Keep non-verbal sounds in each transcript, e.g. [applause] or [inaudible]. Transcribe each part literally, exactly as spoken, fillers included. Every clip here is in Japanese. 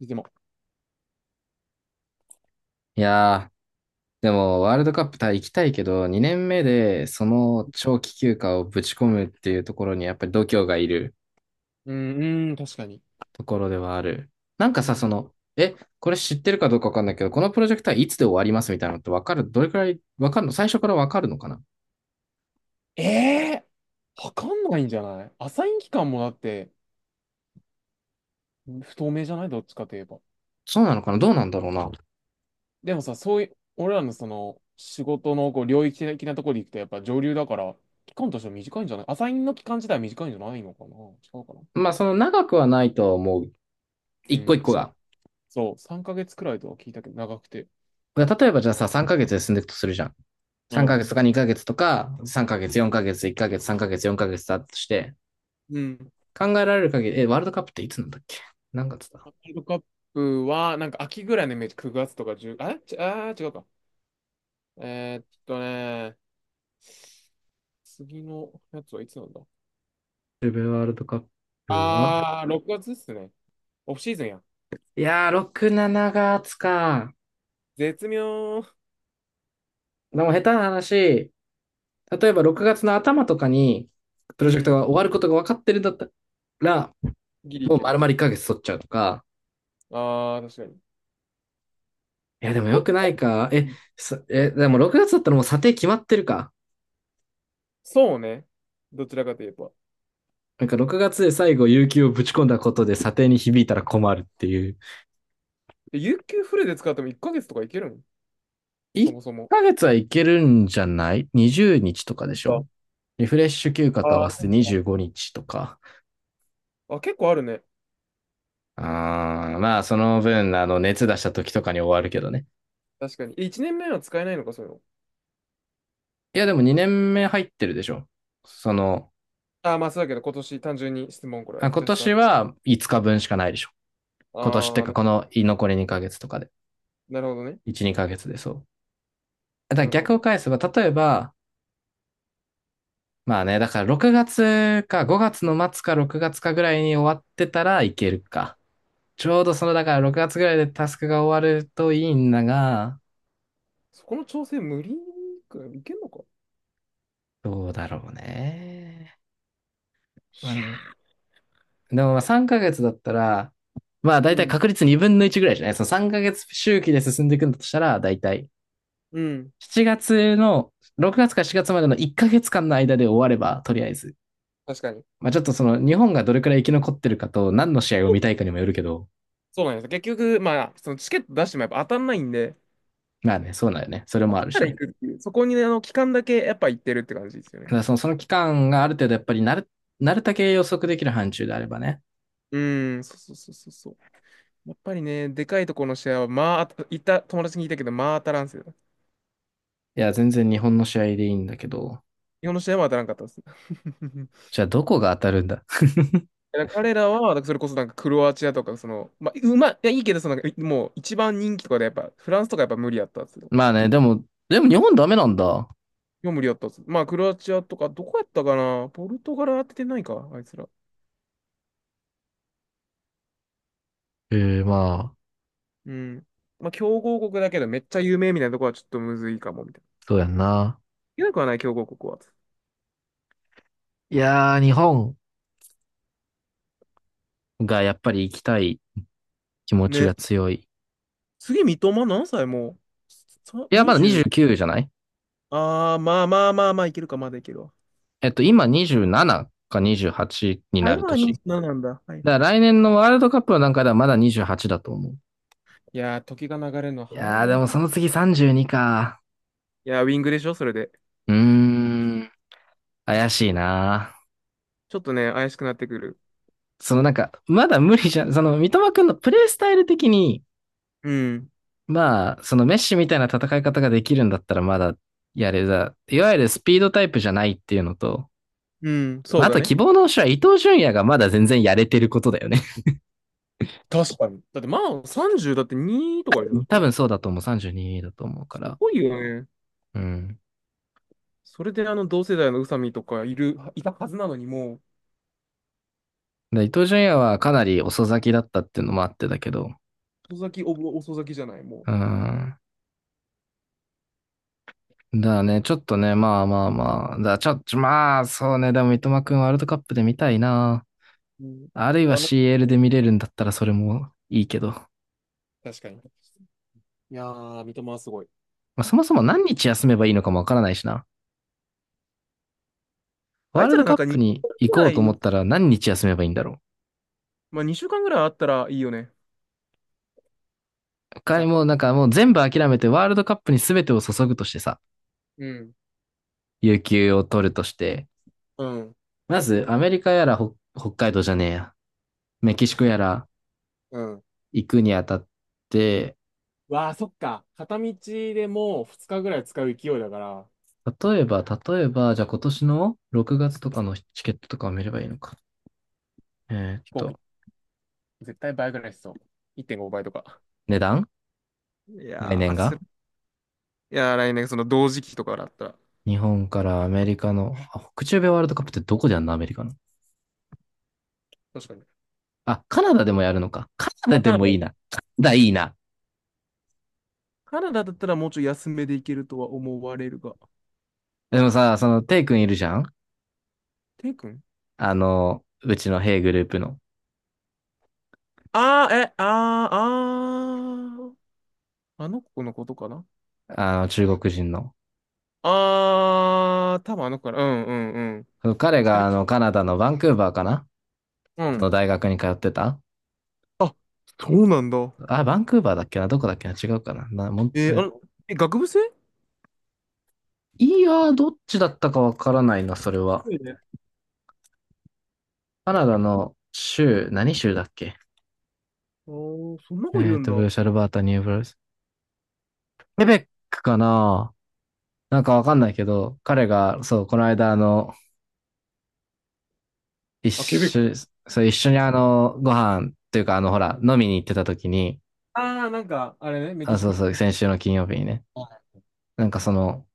でも、いやー、でもワールドカップた行きたいけど、にねんめでその長期休暇をぶち込むっていうところにやっぱり度胸がいるうん、うん、確かに。ところではある。なんかうさ、そん、の、え、これ知ってるかどうかわかんないけど、このプロジェクトはいつで終わりますみたいなのってわかる、どれくらいわかるの、最初からわかるのかな？えー、わかんないんじゃない？アサイン期間もだって不透明じゃない？どっちかといえば。そうなのかな、どうなんだろうな。でもさ、そういう、俺らのその仕事のこう領域的なところで行くとやっぱ上流だから、期間としては短いんじゃない？アサインの期間自体は短いんじゃないのかな？違うかな。まあ、その長くはないと思う。う一個一ん、個そう、が。そう、さんかげつくらいとは聞いたけど、長くて。だから例えばじゃあさ、さんかげつで進んでいくとするじゃん。う3ヶん。月とかにかげつとか、さんかげつ、よんかげつ、いっかげつ、さんかげつ、よんかげつだとして、うん。考えられる限り、え、ワールドカップっていつなんだっけ？何月だ？ワールドカップは、なんか秋ぐらいのイメージ、くがつとかいちああ、ち、あー、違うか。えーっとね次のやつはいつなんだ？セブワールドカップは、あー、ろくがつっすね。オフシーズンや。いやー、ろく、しちがつか。絶妙。でも下手な話、例えばろくがつの頭とかに、プうロジェクトん。が終わることが分かってるんだったら、ギリいもうける。丸々1ヶ月取っちゃうとか、あー、確かに。いや、でもよくなと、いか。え、さえ、でもろくがつだったらもう査定決まってるか。そうね。どちらかといえば。なんかろくがつで最後、有給をぶち込んだことで査定に響いたら困るっていう。で、有給フルで使ってもいっかげつとかいけるん？そ1もそも。ヶ月はいけるんじゃない？ にじゅう 日とかなでんしょ。か、リフレッシュ休暇あと合わー、せそてっか。にじゅうごにちとか。あ、結構あるね。あーまあ、その分、あの、熱出した時とかに終わるけどね。確かに。え、いちねんめは使えないのか、そういうの。いや、でもにねんめ入ってるでしょ。その、あー、まあそうだけど、今年単純に質問、これは。あ今ジャスト年はいつかぶんしかないでしょ。あ今年ってー、か、な、この残りにかげつとかで。なるほどね。いち、オッ2ケヶ月ー。でそう。だからなるほ逆をど。返せば、例えば、まあね、だからろくがつかごがつの末かろくがつかぐらいに終わってたらいけるか。ちょうどその、だからろくがつぐらいでタスクが終わるといいんだが、そこの調整無理くらいいけんのか？どうだろうね。まあでも、でもまあさんかげつだったら、まあう大体ん。確率にぶんのいちぐらいじゃない？そのさんかげつ周期で進んでいくんだとしたら、大体うん。しちがつの、ろくがつかしがつまでのいっかげつかんの間で終われば、とりあえず。確かに。まあちょっとその日本がどれくらい生き残ってるかと何の試合を見たいかにもよるけど、そうなんですよ。結局、まあ、そのチケット出してもやっぱ当たんないんで、まあね、そうなんよね。それ当もあたっるたしら行ね。くっていう、そこにねあの期間だけやっぱ行ってるって感じですよだね。からその、その期間がある程度やっぱりなる、なるだけ予測できる範疇であればね。うーん、そうそうそうそうそう。やっぱりね、でかいところの試合は、まあ、当た行った友達に聞いたけど、まあ当たらんっすよ。いや、全然日本の試合でいいんだけど。日本の試合も当たらんかったです。じ [laughs] ゃあ、どこが当たるんだ？ [laughs] 彼らは、だからそれこそなんかクロアチアとか、その、まあ、うまい、いや、いいけど、その、なんかもう一番人気とかで、やっぱ、フランスとかやっぱ無理やったっすよ。まあね、でも、でも日本ダメなんだ。もう無理やったっす。まあ、クロアチアとか、どこやったかな？ポルトガル当ててないか、あいつら。えー、まあ、うん。まあ、強豪国だけどめっちゃ有名みたいなとこはちょっとむずいかも、みたいな。そうやんな。いけなくはない、強豪国は。いやー、日本。が、やっぱり行きたい気持ちがね。強い。次、三笘何歳もうさ？ いや、まだ はたち？ にじゅうきゅうじゅうきゅうじゃない？ああ、まあまあまあまあ、いけるか、まだいけるわ。えっと、今にじゅうななかにじゅうはちにあ、なる今はに年。なななんだ。はいだはからい。来年のワールドカップのかではまだにじゅうはちだと思う。いやー、時が流れるのい早いやー、でね。もその次さんじゅうにか。いやー、ウィングでしょ、それで。うーん、怪しいな。ちょっとね、怪しくなってくる。そのなんか、まだ無理じゃん。その、三笘くんのプレイスタイル的に、うん。まあ、そのメッシみたいな戦い方ができるんだったらまだやれだ。いわゆるスピードタイプじゃないっていうのと、うん、まそあ、うあだとね。希望の星は伊東純也がまだ全然やれてることだよね。確かに。だって、まあ、さんじゅうだってにとかでしょ、だっ [laughs] 多て。分そうだと思う。さんじゅうにだと思うかすら。ごいよね。うん。それで、あの、同世代の宇佐美とかいる、いたはずなのに、もう、だ伊東純也はかなり遅咲きだったっていうのもあってだけど。遅咲き、おぼ遅咲きじゃない、もうん。だね、ちょっとね、まあまあまあ。だ、ちょっと、まあ、そうね。でも三笘くんワールドカップで見たいな。う？うん。あるいは あの、シーエル で見れるんだったらそれもいいけど。ま確かに。いやー、三笘はすごい。あ、そもそも何日休めばいいのかもわからないしな。ワあーいルつドらなカんッかプ2に週間行ぐこらうと思い、ったら何日休めばいいんだろまあにしゅうかんぐらいあったらいいよね。う。かざっもうくなんり。かもう全部諦めてワールドカップに全てを注ぐとしてさ、うん。有給を取るとして、うん。まずアメリカやら北北海道じゃねえや、メキシコやらうん。行くにあたって、わあ、そっか。片道でもうふつかぐらい使う勢いだから、例えば、例えば、じゃあ今年のろくがつとかのチケットとかを見ればいいのか。えーっ飛行機と、絶対倍ぐらいしそう。いってんごばいとか。値段、い来や年ー、すいがやー来年その同時期とかだったら。日本からアメリカの、あ、北中米ワールドカップってどこでやんの？アメリカの。確かに。あ、カナダでもやるのか。カナダあ、でカナもダいいな。カナダいいな。カナダだったらもうちょい安めで行けるとは思われるが。でもさ、その、テイ君いるじゃん？テイ君？あの、うちのヘイグループの、ああ、え、ああ、あーあの子のことかな？あの、中国人の。ああ、多分あの子かな。うんうんうん。彼喋が、っあの、カナダのバンクーバーかな、うん。の大学に通ってた。あ、そうなんだ。あ、バンクーバーだっけな、どこだっけな、違うかな、なもん、えーえあの、え、学部生？いやー、どっちだったかわからないな、それは。そうね。カナダの州、何州だっけ？あーそんな子いえるっんと、だ。ブルーシャルバータ、ニューブルース。ケベックかな。なんかわかんないけど、彼が、そう、この間、あの、一あ、ケベッ緒、ク。そう、一緒うにん。あの、ご飯っていうか、あの、ほら、飲みに行ってた時に、ああ、なんか、あれね、メキあ、シそコ。うそう、[laughs] 先週の金曜日にね。あなんかその、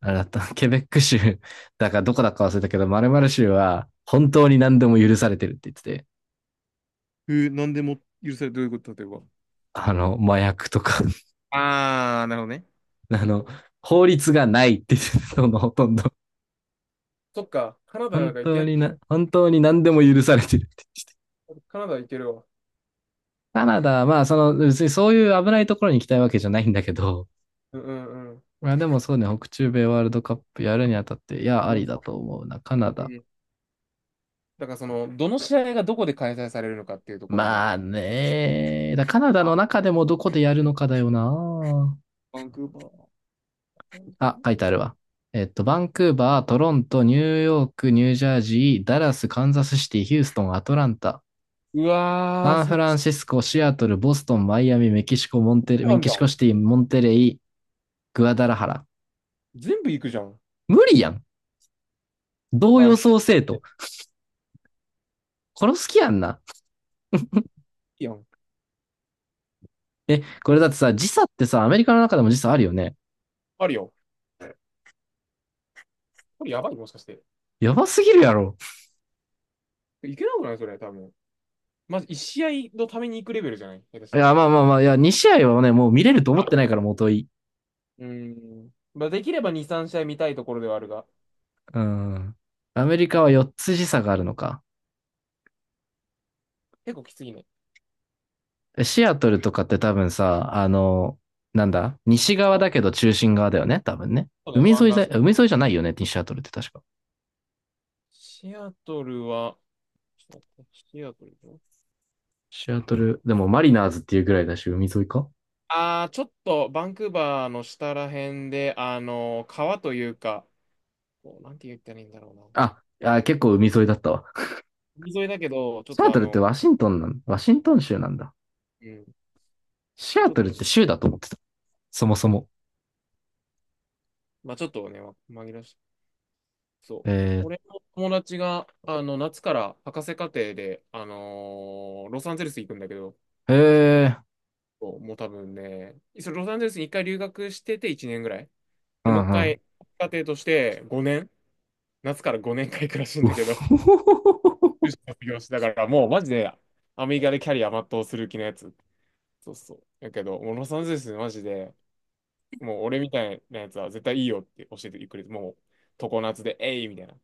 あれだった、[laughs] ケベック州、だからどこだか忘れたけど、〇〇州は本当に何でも許されてるって言ってて、えー、なんでも許される、どういうこと？例えば。あの、麻薬とか、[laughs] ああ、なるほどね。あの、法律がないって言ってたの。 [laughs] ほとんど。そっか、カナダ本がい当けん、にな、本当に何でも許されてるって。カナダいけるわ。カナダ、まあその、別にそういう危ないところに行きたいわけじゃないんだけど、うんうんうん。まあでもそうね、北中米ワールドカップやるにあたって、いや、ああの、りだと思うな。カナえダ、ーだからその、どの試合がどこで開催されるのかっていうところも。まあね。だカナダの中でもどこでやるのかだよな。バンクーバー。なんかあ、書いてあるわ。えっと、バンクーバー、トロント、ニューヨーク、ニュージャージー、ダラス、カンザスシティ、ヒューストン、アトランタ、うわー、サンそフっランちシスコ、シアトル、ボストン、マイアミ、メキシコ、モンテレ、なメんキじゃシん。コシティ、モンテレイ、グアダラハラ。全部行くじゃん。無理やん。どうあ、予ひ想せええい、と。殺す気やんな。いやん。え、こ無れ理。だってさ、時差ってさ、アメリカの中でも時差あるよね。あるよ。これやばい、もしかして。やばすぎるやろ。いけなくないそれ、多分。まずいち試合のために行くレベルじゃない？下手しいたら。や、まあまあまあ、いや、に試合はね、もう見れると思ってないあから、もうというーん。まあ、できればに、さん試合見たいところではあるが、うん。アメリカは四つ時差があるのか。結構きついね。シアトルとかって多分さ、あの、なんだ、西側あだけど中心側だよね、多分ね。そうだよ、海沿湾いだ、岸。海沿いじゃないよね、シアトルって確か。シアトルは、ちょっと待って、シアトルでしょ？シアトル、でもマリナーズっていうぐらいだし、海沿いか。ああー、ちょっと、バンクーバーの下ら辺で、あの、川というか、こうなんて言ったらいいんだろうな。あ、あ、結構海沿いだったわ。海沿いだけど、ちょっシアとトあルってワの、シントンなん、ワシントン州なんだ。うん、シアちょっトルっと、て州だと思ってた。そもそも。まあちょっとね、わ紛らわしい、そう。俺えの友達が、あの、夏から博士課程で、あのーロサンゼルス行くんだけど、ー、えー、そうもう多分ね、それロサンゼルスに一回留学してていちねんぐらい。うで、もうん一うん。回、家庭としてごねん、夏からごねんかん行くらしいんうだけど、ほほほほ修ほ。士卒業して、だからもうマジで、アメリカでキャリア全うする気のやつ。そうそう。だけど、もうロサンゼルスマジで、もう俺みたいなやつは絶対いいよって教えてくれて、もう常夏で、えいみたいな。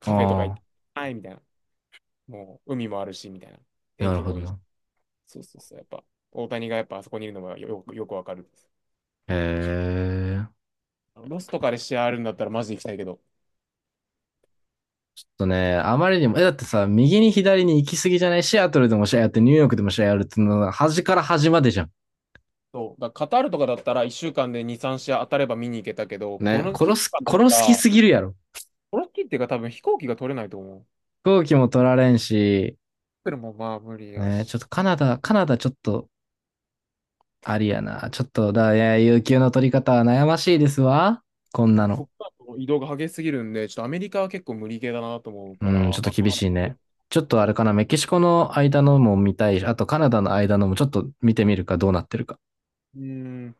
カフェとか行っあて、あいみたいな。もう海もあるし、みたいな。あ、天なる気ほもどいいし。な。そうそうそう。やっぱ、大谷がやっぱあそこにいるのがよく、よくわかるです。へえー。ロスとかで試合あるんだったらマジで行きたいけど。とね、あまりにも、え、だってさ、右に左に行き過ぎじゃない？シアトルでも試合やって、ニューヨークでも試合やるっていうのは、端から端までじゃん。そう。だからカタールとかだったらいっしゅうかんでに、さん試合当たれば見に行けたけど、こね、の期殺す、間だっ殺たす気ら、すぎるやろ。この期っていうか多分飛行機が取れないと思う。飛行機も取られんし、それもまあ無理やね、ちょっとし。カナダ、カナダちょっと、ありやな。ちょっと、だ、いや、有給の取り方は悩ましいですわ。こんなこの。っからの移動が激しすぎるんで、ちょっとアメリカは結構無理系だなと思うかうん、ちら、ょっとまあ厳カしナダいもね。ね。ちょっとあれかな、メキシコの間のも見たいし、あとカナダの間のもちょっと見てみるか、どうなってるか。うん。